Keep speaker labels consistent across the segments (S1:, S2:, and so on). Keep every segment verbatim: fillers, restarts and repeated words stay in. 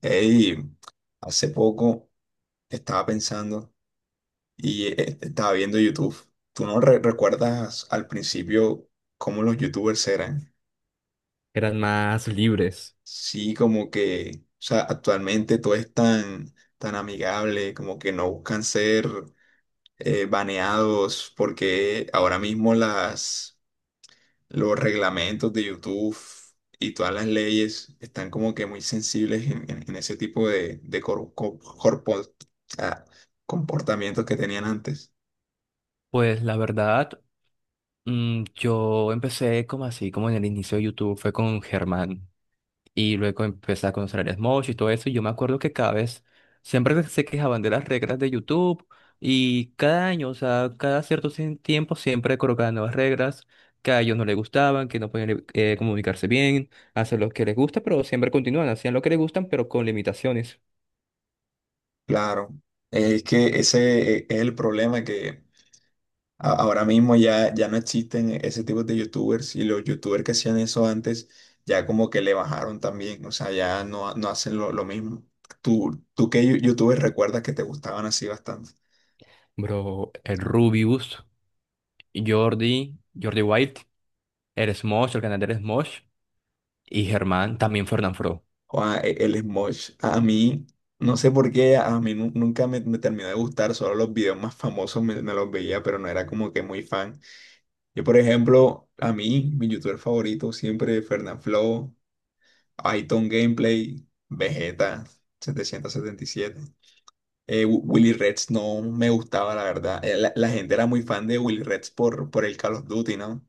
S1: Ey, hace poco estaba pensando y eh, estaba viendo YouTube. ¿Tú no re- recuerdas al principio cómo los YouTubers eran?
S2: Eran más libres.
S1: Sí, como que, o sea, actualmente todo es tan, tan amigable, como que no buscan ser eh, baneados, porque ahora mismo las los reglamentos de YouTube y todas las leyes están como que muy sensibles en, en- en ese tipo de, de cor- co- corpo- ah, comportamientos que tenían antes.
S2: Pues la verdad, mm, yo empecé como así, como en el inicio de YouTube, fue con Germán y luego empecé a conocer a Smosh y todo eso. Y yo me acuerdo que cada vez siempre se quejaban de las reglas de YouTube y cada año, o sea, cada cierto cien- tiempo siempre colocaban nuevas reglas que a ellos no les gustaban, que no podían eh, eh, comunicarse bien, hacer lo que les gusta, pero siempre continúan, hacían lo que les gustan, pero con limitaciones.
S1: Claro, es que ese e, es el problema que a- ahora mismo ya, ya no existen ese tipo de YouTubers, y los YouTubers que hacían eso antes ya como que le bajaron también. O sea, ya no, no hacen lo, lo mismo. ¿Tú, tú qué yo- YouTubers recuerdas que te gustaban así bastante?
S2: Bro, el Rubius, Jordi, Jordi Wild. Eres Mosh, el canal de Eres Mosh y Germán también Fernán Fro.
S1: Guau, e- el Smosh, a mí, no sé por qué, a mí nu- nunca me, me terminó de gustar, solo los videos más famosos me, me los veía, pero no era como que muy fan. Yo, por ejemplo, a mí, mi youtuber favorito siempre Fernanfloo, Aiton Gameplay, Vegeta setecientos setenta y siete. Eh, Wi- Willy Reds no me gustaba, la verdad. Eh, La, la gente era muy fan de Willy Reds por, por el Call of Duty, ¿no?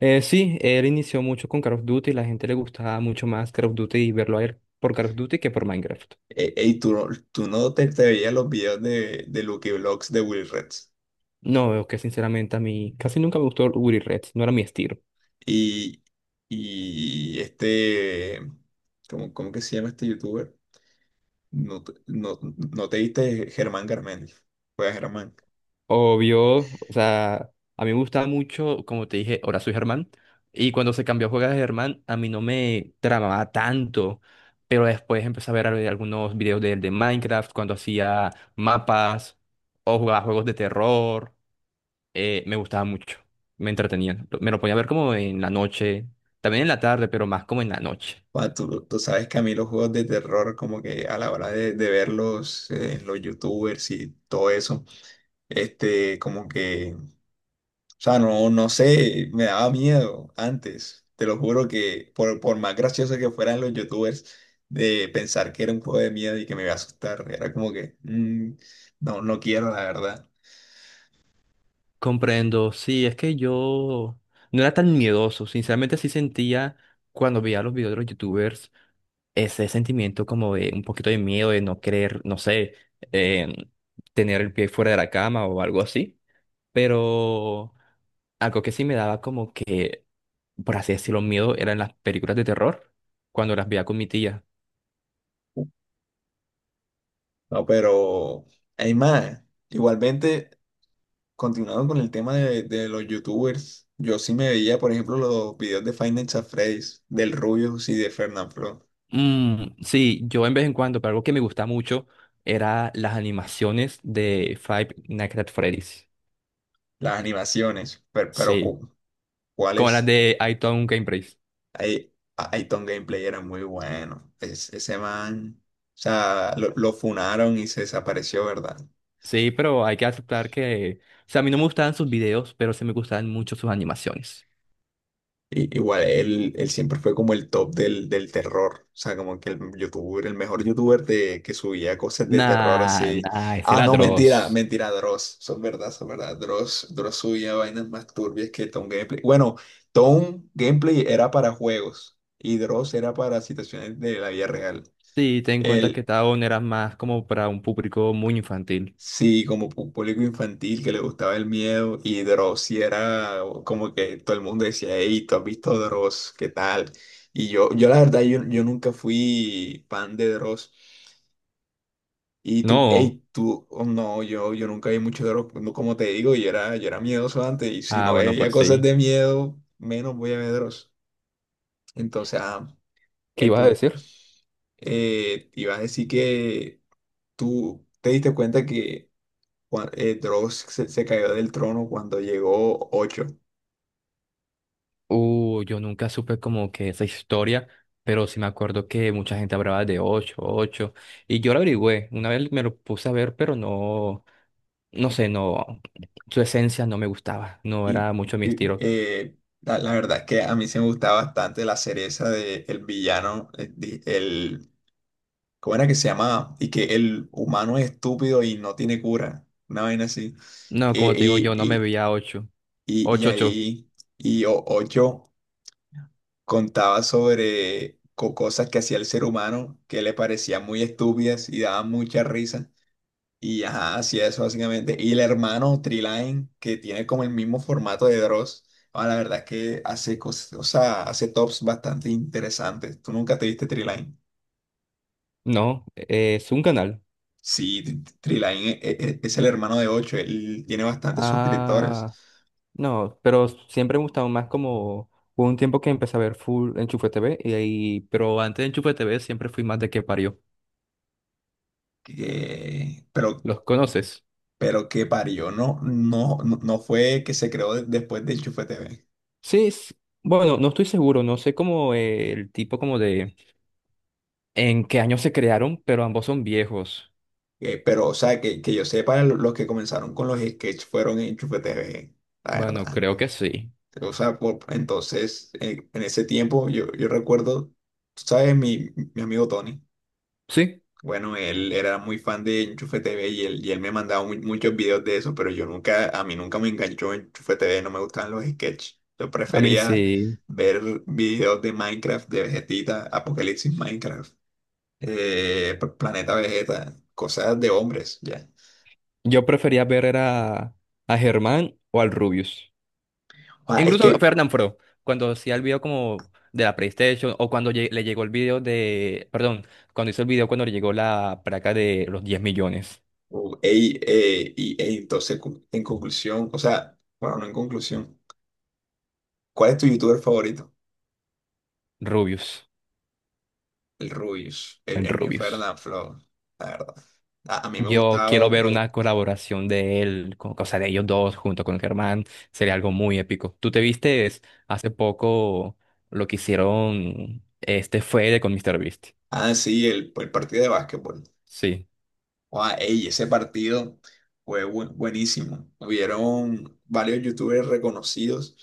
S2: Eh, sí, él inició mucho con Call of Duty, la gente le gustaba mucho más Call of Duty y verlo a él por Call of Duty que por Minecraft.
S1: Eh, ey, tú, no- tú no te, te veías los videos de, de Lucky vlogs de Willy Reds.
S2: No, veo que sinceramente a mí casi nunca me gustó Uri Red, no era mi estilo.
S1: Y, y este, ¿cómo, cómo que se llama este youtuber? No, te- no, no te viste Germán Garmendia. Juega Germán.
S2: Obvio, o sea, a mí me gustaba mucho, como te dije, ahora soy Germán, y cuando se cambió a jugar de Germán, a mí no me tramaba tanto, pero después empecé a ver al- algunos videos de él de Minecraft, cuando hacía mapas o jugaba juegos de terror. Eh, me gustaba mucho, me entretenía. Lo- Me lo ponía a ver como en la noche, también en la tarde, pero más como en la noche.
S1: Ah, tú, tú sabes que a mí los juegos de terror, como que a la hora de, de verlos, eh, los youtubers y todo eso, este, como que. O sea, no, no sé, me daba miedo antes. Te lo juro que por, por más gracioso que fueran los youtubers, de pensar que era un juego de miedo y que me iba a asustar, era como que, mm, no, no quiero, la verdad.
S2: Comprendo, sí, es que yo no era tan miedoso, sinceramente sí sentía cuando veía los videos de los youtubers ese sentimiento como de un poquito de miedo, de no querer, no sé, em, tener el pie fuera de la cama o algo así, pero algo que sí me daba como que, por así decirlo, miedo eran las películas de terror cuando las veía con mi tía.
S1: No, pero hay más. Igualmente, continuando con el tema de, de los youtubers, yo sí me veía, por ejemplo, los videos de Five Nights at Freddy's, del Rubius y de Fernanfloo,
S2: Mm, sí, yo en vez en cuando, pero algo que me gusta mucho era las animaciones de Five Nights at Freddy's.
S1: las animaciones, pero, pero
S2: Sí,
S1: cu-
S2: como las
S1: ¿cuáles?
S2: de I Town Game Race.
S1: Ay- Aiton Gameplay era muy bueno. Es- ese man, o sea, lo, lo funaron y se desapareció, ¿verdad?
S2: Sí, pero hay que aceptar que, o sea, a mí no me gustaban sus videos, pero sí me gustaban mucho sus animaciones.
S1: Y- igual, él, él siempre fue como el top del, del terror. O sea, como que el youtuber, el mejor youtuber de, que subía cosas de terror
S2: Nah,
S1: así.
S2: nah, es
S1: Ah,
S2: el
S1: no, mentira,
S2: atroz.
S1: mentira, Dross. Son verdad, son verdad. Dross, Dross subía vainas más turbias que Tom Gameplay. Bueno, Tom Gameplay era para juegos y Dross era para situaciones de la vida real.
S2: Sí, ten en cuenta que
S1: El
S2: Town era más como para un público muy infantil.
S1: Sí, como pu- público infantil que le gustaba el miedo, y Dross sí era como que todo el mundo decía, hey, ¿tú has visto Dross? ¿Qué tal? Y yo, yo la verdad, yo, yo nunca fui fan de Dross. Y tú,
S2: No.
S1: hey, tú, oh, no, yo, yo nunca vi mucho Dross. Pues, no, como te digo, yo era, yo era miedoso antes, y si
S2: Ah,
S1: no
S2: bueno,
S1: veía
S2: pues
S1: cosas
S2: sí.
S1: de miedo, menos voy a ver Dross. Entonces, ah,
S2: ¿Qué
S1: el
S2: ibas a
S1: punto.
S2: decir?
S1: Eh, te iba a decir que tú te diste cuenta que cua- eh, Dross se, se cayó del trono cuando llegó ocho.
S2: Uh, yo nunca supe como que esa historia, pero sí me acuerdo que mucha gente hablaba de ocho, ocho, y yo lo averigüé, una vez me lo puse a ver, pero no, no sé, no, su esencia no me gustaba, no
S1: Y,
S2: era mucho mi
S1: y,
S2: estilo.
S1: eh, la, la verdad es que a mí se me gustaba bastante la cereza de el villano, eh, di- el, ¿cómo era que se llamaba? Y que el humano es estúpido y no tiene cura, una vaina así.
S2: No,
S1: Eh,
S2: como te digo,
S1: Y,
S2: yo no me
S1: y,
S2: veía ocho,
S1: y, y
S2: ocho, ocho.
S1: ahí, y o- Ocho contaba sobre co- cosas que hacía el ser humano que le parecían muy estúpidas y daban mucha risa. Y ajá, así es básicamente. Y el hermano Treeline, que tiene como el mismo formato de Dross, ah, la verdad es que hace cosas, o sea, hace tops bastante interesantes. ¿Tú nunca te viste Treeline?
S2: No, eh, es un canal.
S1: Sí, T- T- Treeline e- e- e- es el hermano de Ocho. Él tiene bastantes suscriptores.
S2: Ah, no, pero siempre me gustaba más como, hubo un tiempo que empecé a ver full Enchufe T V, y, ahí- pero antes de Enchufe T V siempre fui más de que parió.
S1: que- pero,
S2: ¿Los conoces?
S1: pero que parió, no, no, no no fue que se creó de- después de Enchufe T V.
S2: Sí, s- bueno, no estoy seguro, no sé cómo eh, el tipo como de en qué año se crearon, pero ambos son viejos.
S1: Eh, pero, o sea, que, que yo sepa, lo- los que comenzaron con los sketches fueron en Enchufe T V, la
S2: Bueno,
S1: verdad.
S2: creo que sí.
S1: O sea, por- entonces, en, en ese tiempo yo, yo recuerdo, tú sabes, mi, mi amigo Tony,
S2: Sí,
S1: bueno, él era muy fan de Enchufe T V, y él, y él me mandaba mu- muchos videos de eso, pero yo nunca, a mí nunca me enganchó Enchufe T V, no me gustaban los sketches. Yo
S2: a mí
S1: prefería
S2: sí.
S1: ver videos de Minecraft, de Vegetita, Apocalipsis Minecraft, eh, P- Planeta Vegeta, cosas de hombres, ya.
S2: Yo prefería ver era a Germán o al Rubius.
S1: Ah, es
S2: Incluso a
S1: que,
S2: Fernán Fro, cuando hacía el video como de la PlayStation o cuando lle- le llegó el video de, perdón, cuando hizo el video cuando le llegó la placa de los diez millones.
S1: uh, ey, eh, y, ey, entonces, cu- en conclusión, o sea, bueno, no en conclusión. ¿Cuál es tu youtuber favorito?
S2: Rubius,
S1: El Rubius, el,
S2: el
S1: el mío fue
S2: Rubius.
S1: Flow, la verdad. A, a mí me
S2: Yo
S1: gustaba, me
S2: quiero ver una
S1: gust-
S2: colaboración de él, con, o sea, de ellos dos junto con Germán, sería algo muy épico. ¿Tú te viste hace poco lo que hicieron este Fede con míster Beast?
S1: ah, sí, el, el partido de básquetbol.
S2: Sí,
S1: Ah, ey, ese partido fue bu- buenísimo. Hubieron varios youtubers reconocidos,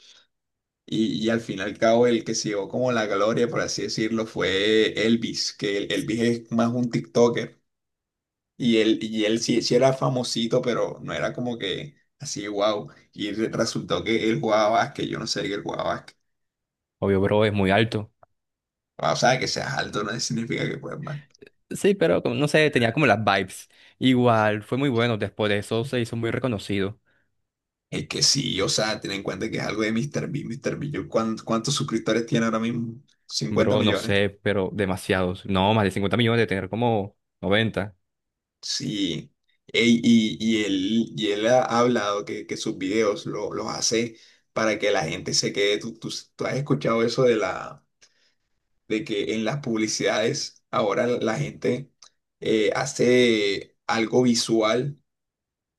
S1: y, y al fin y al cabo el que se llevó como la gloria, por así decirlo, fue Elvis. que el- Elvis es más un TikToker y él, y él sí, sí era famosito, pero no era como que así, wow. Y re- resultó que él jugaba básquet, yo no sé que él jugaba básquet.
S2: obvio, bro, es muy alto.
S1: Ah, o sea, que seas alto no significa que puedas mal.
S2: Sí, pero como, no sé, tenía como las vibes. Igual, fue muy bueno, después de eso se hizo muy reconocido.
S1: Es que sí, o sea, ten en cuenta que es algo de míster Bean. míster Bean, yo, ¿cuán- ¿cuántos suscriptores tiene ahora mismo? cincuenta
S2: Bro, no
S1: millones.
S2: sé, pero demasiados. No, más de cincuenta millones, de tener como noventa.
S1: Sí. Ey, y, y él, y él ha hablado que, que sus videos lo- los hace para que la gente se quede. Tú, tú- tú has escuchado eso de, la, de que en las publicidades ahora la la gente eh, hace algo visual,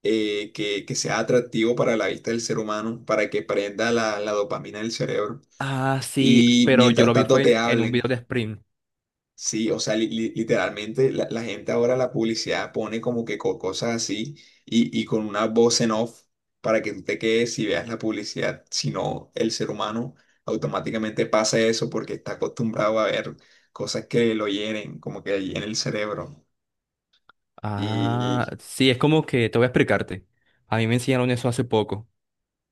S1: eh, que, que sea atractivo para la vista del ser humano, para que prenda la, la dopamina del cerebro.
S2: Ah, sí,
S1: Y
S2: pero yo
S1: mientras
S2: lo vi
S1: tanto
S2: fue
S1: te
S2: en, en un
S1: hablen,
S2: video de Spring.
S1: sí, o sea, li- li- literalmente la, la gente ahora la publicidad pone como que co- cosas así, y, y con una voz en off para que tú te quedes y veas la publicidad, si no, el ser humano automáticamente pasa eso porque está acostumbrado a ver cosas que lo hieren, como que en el cerebro.
S2: Ah,
S1: Y
S2: sí, es como que te voy a explicarte. A mí me enseñaron eso hace poco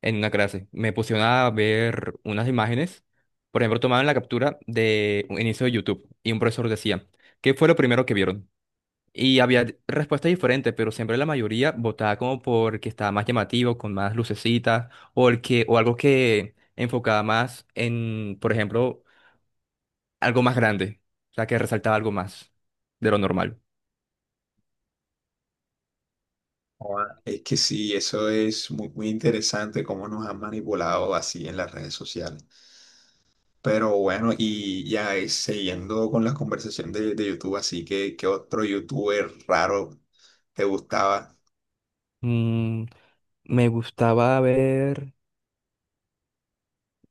S2: en una clase. Me pusieron a ver unas imágenes. Por ejemplo, tomaban la captura de un inicio de YouTube y un profesor decía, ¿qué fue lo primero que vieron? Y había d- respuestas diferentes, pero siempre la mayoría votaba como por el que estaba más llamativo, con más lucecitas, o el que, o algo que enfocaba más en, por ejemplo, algo más grande, o sea, que resaltaba algo más de lo normal.
S1: joda, es que sí, eso es muy, muy interesante cómo nos han manipulado así en las redes sociales. Pero bueno, y ya eh, siguiendo con la conversación de, de YouTube, así que ¿qué otro youtuber raro te gustaba?
S2: Mm, me gustaba ver.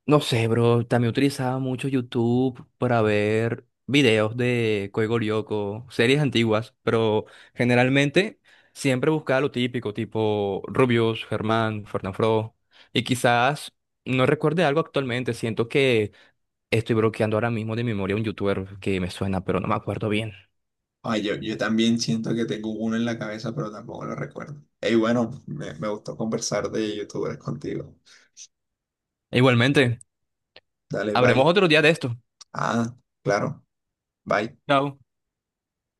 S2: No sé, bro, también utilizaba mucho YouTube para ver videos de Código Lyoko, series antiguas, pero generalmente siempre buscaba lo típico, tipo Rubius, Germán, Fernanfloo, y quizás no recuerde algo actualmente, siento que estoy bloqueando ahora mismo de memoria un youtuber que me suena, pero no me acuerdo bien.
S1: Ay, yo, yo también siento que tengo uno en la cabeza, pero tampoco lo recuerdo. Y bueno, me, me gustó conversar de youtubers contigo.
S2: Igualmente,
S1: Dale,
S2: habremos
S1: bye.
S2: otro día de esto.
S1: Ah, claro, bye.
S2: Chao.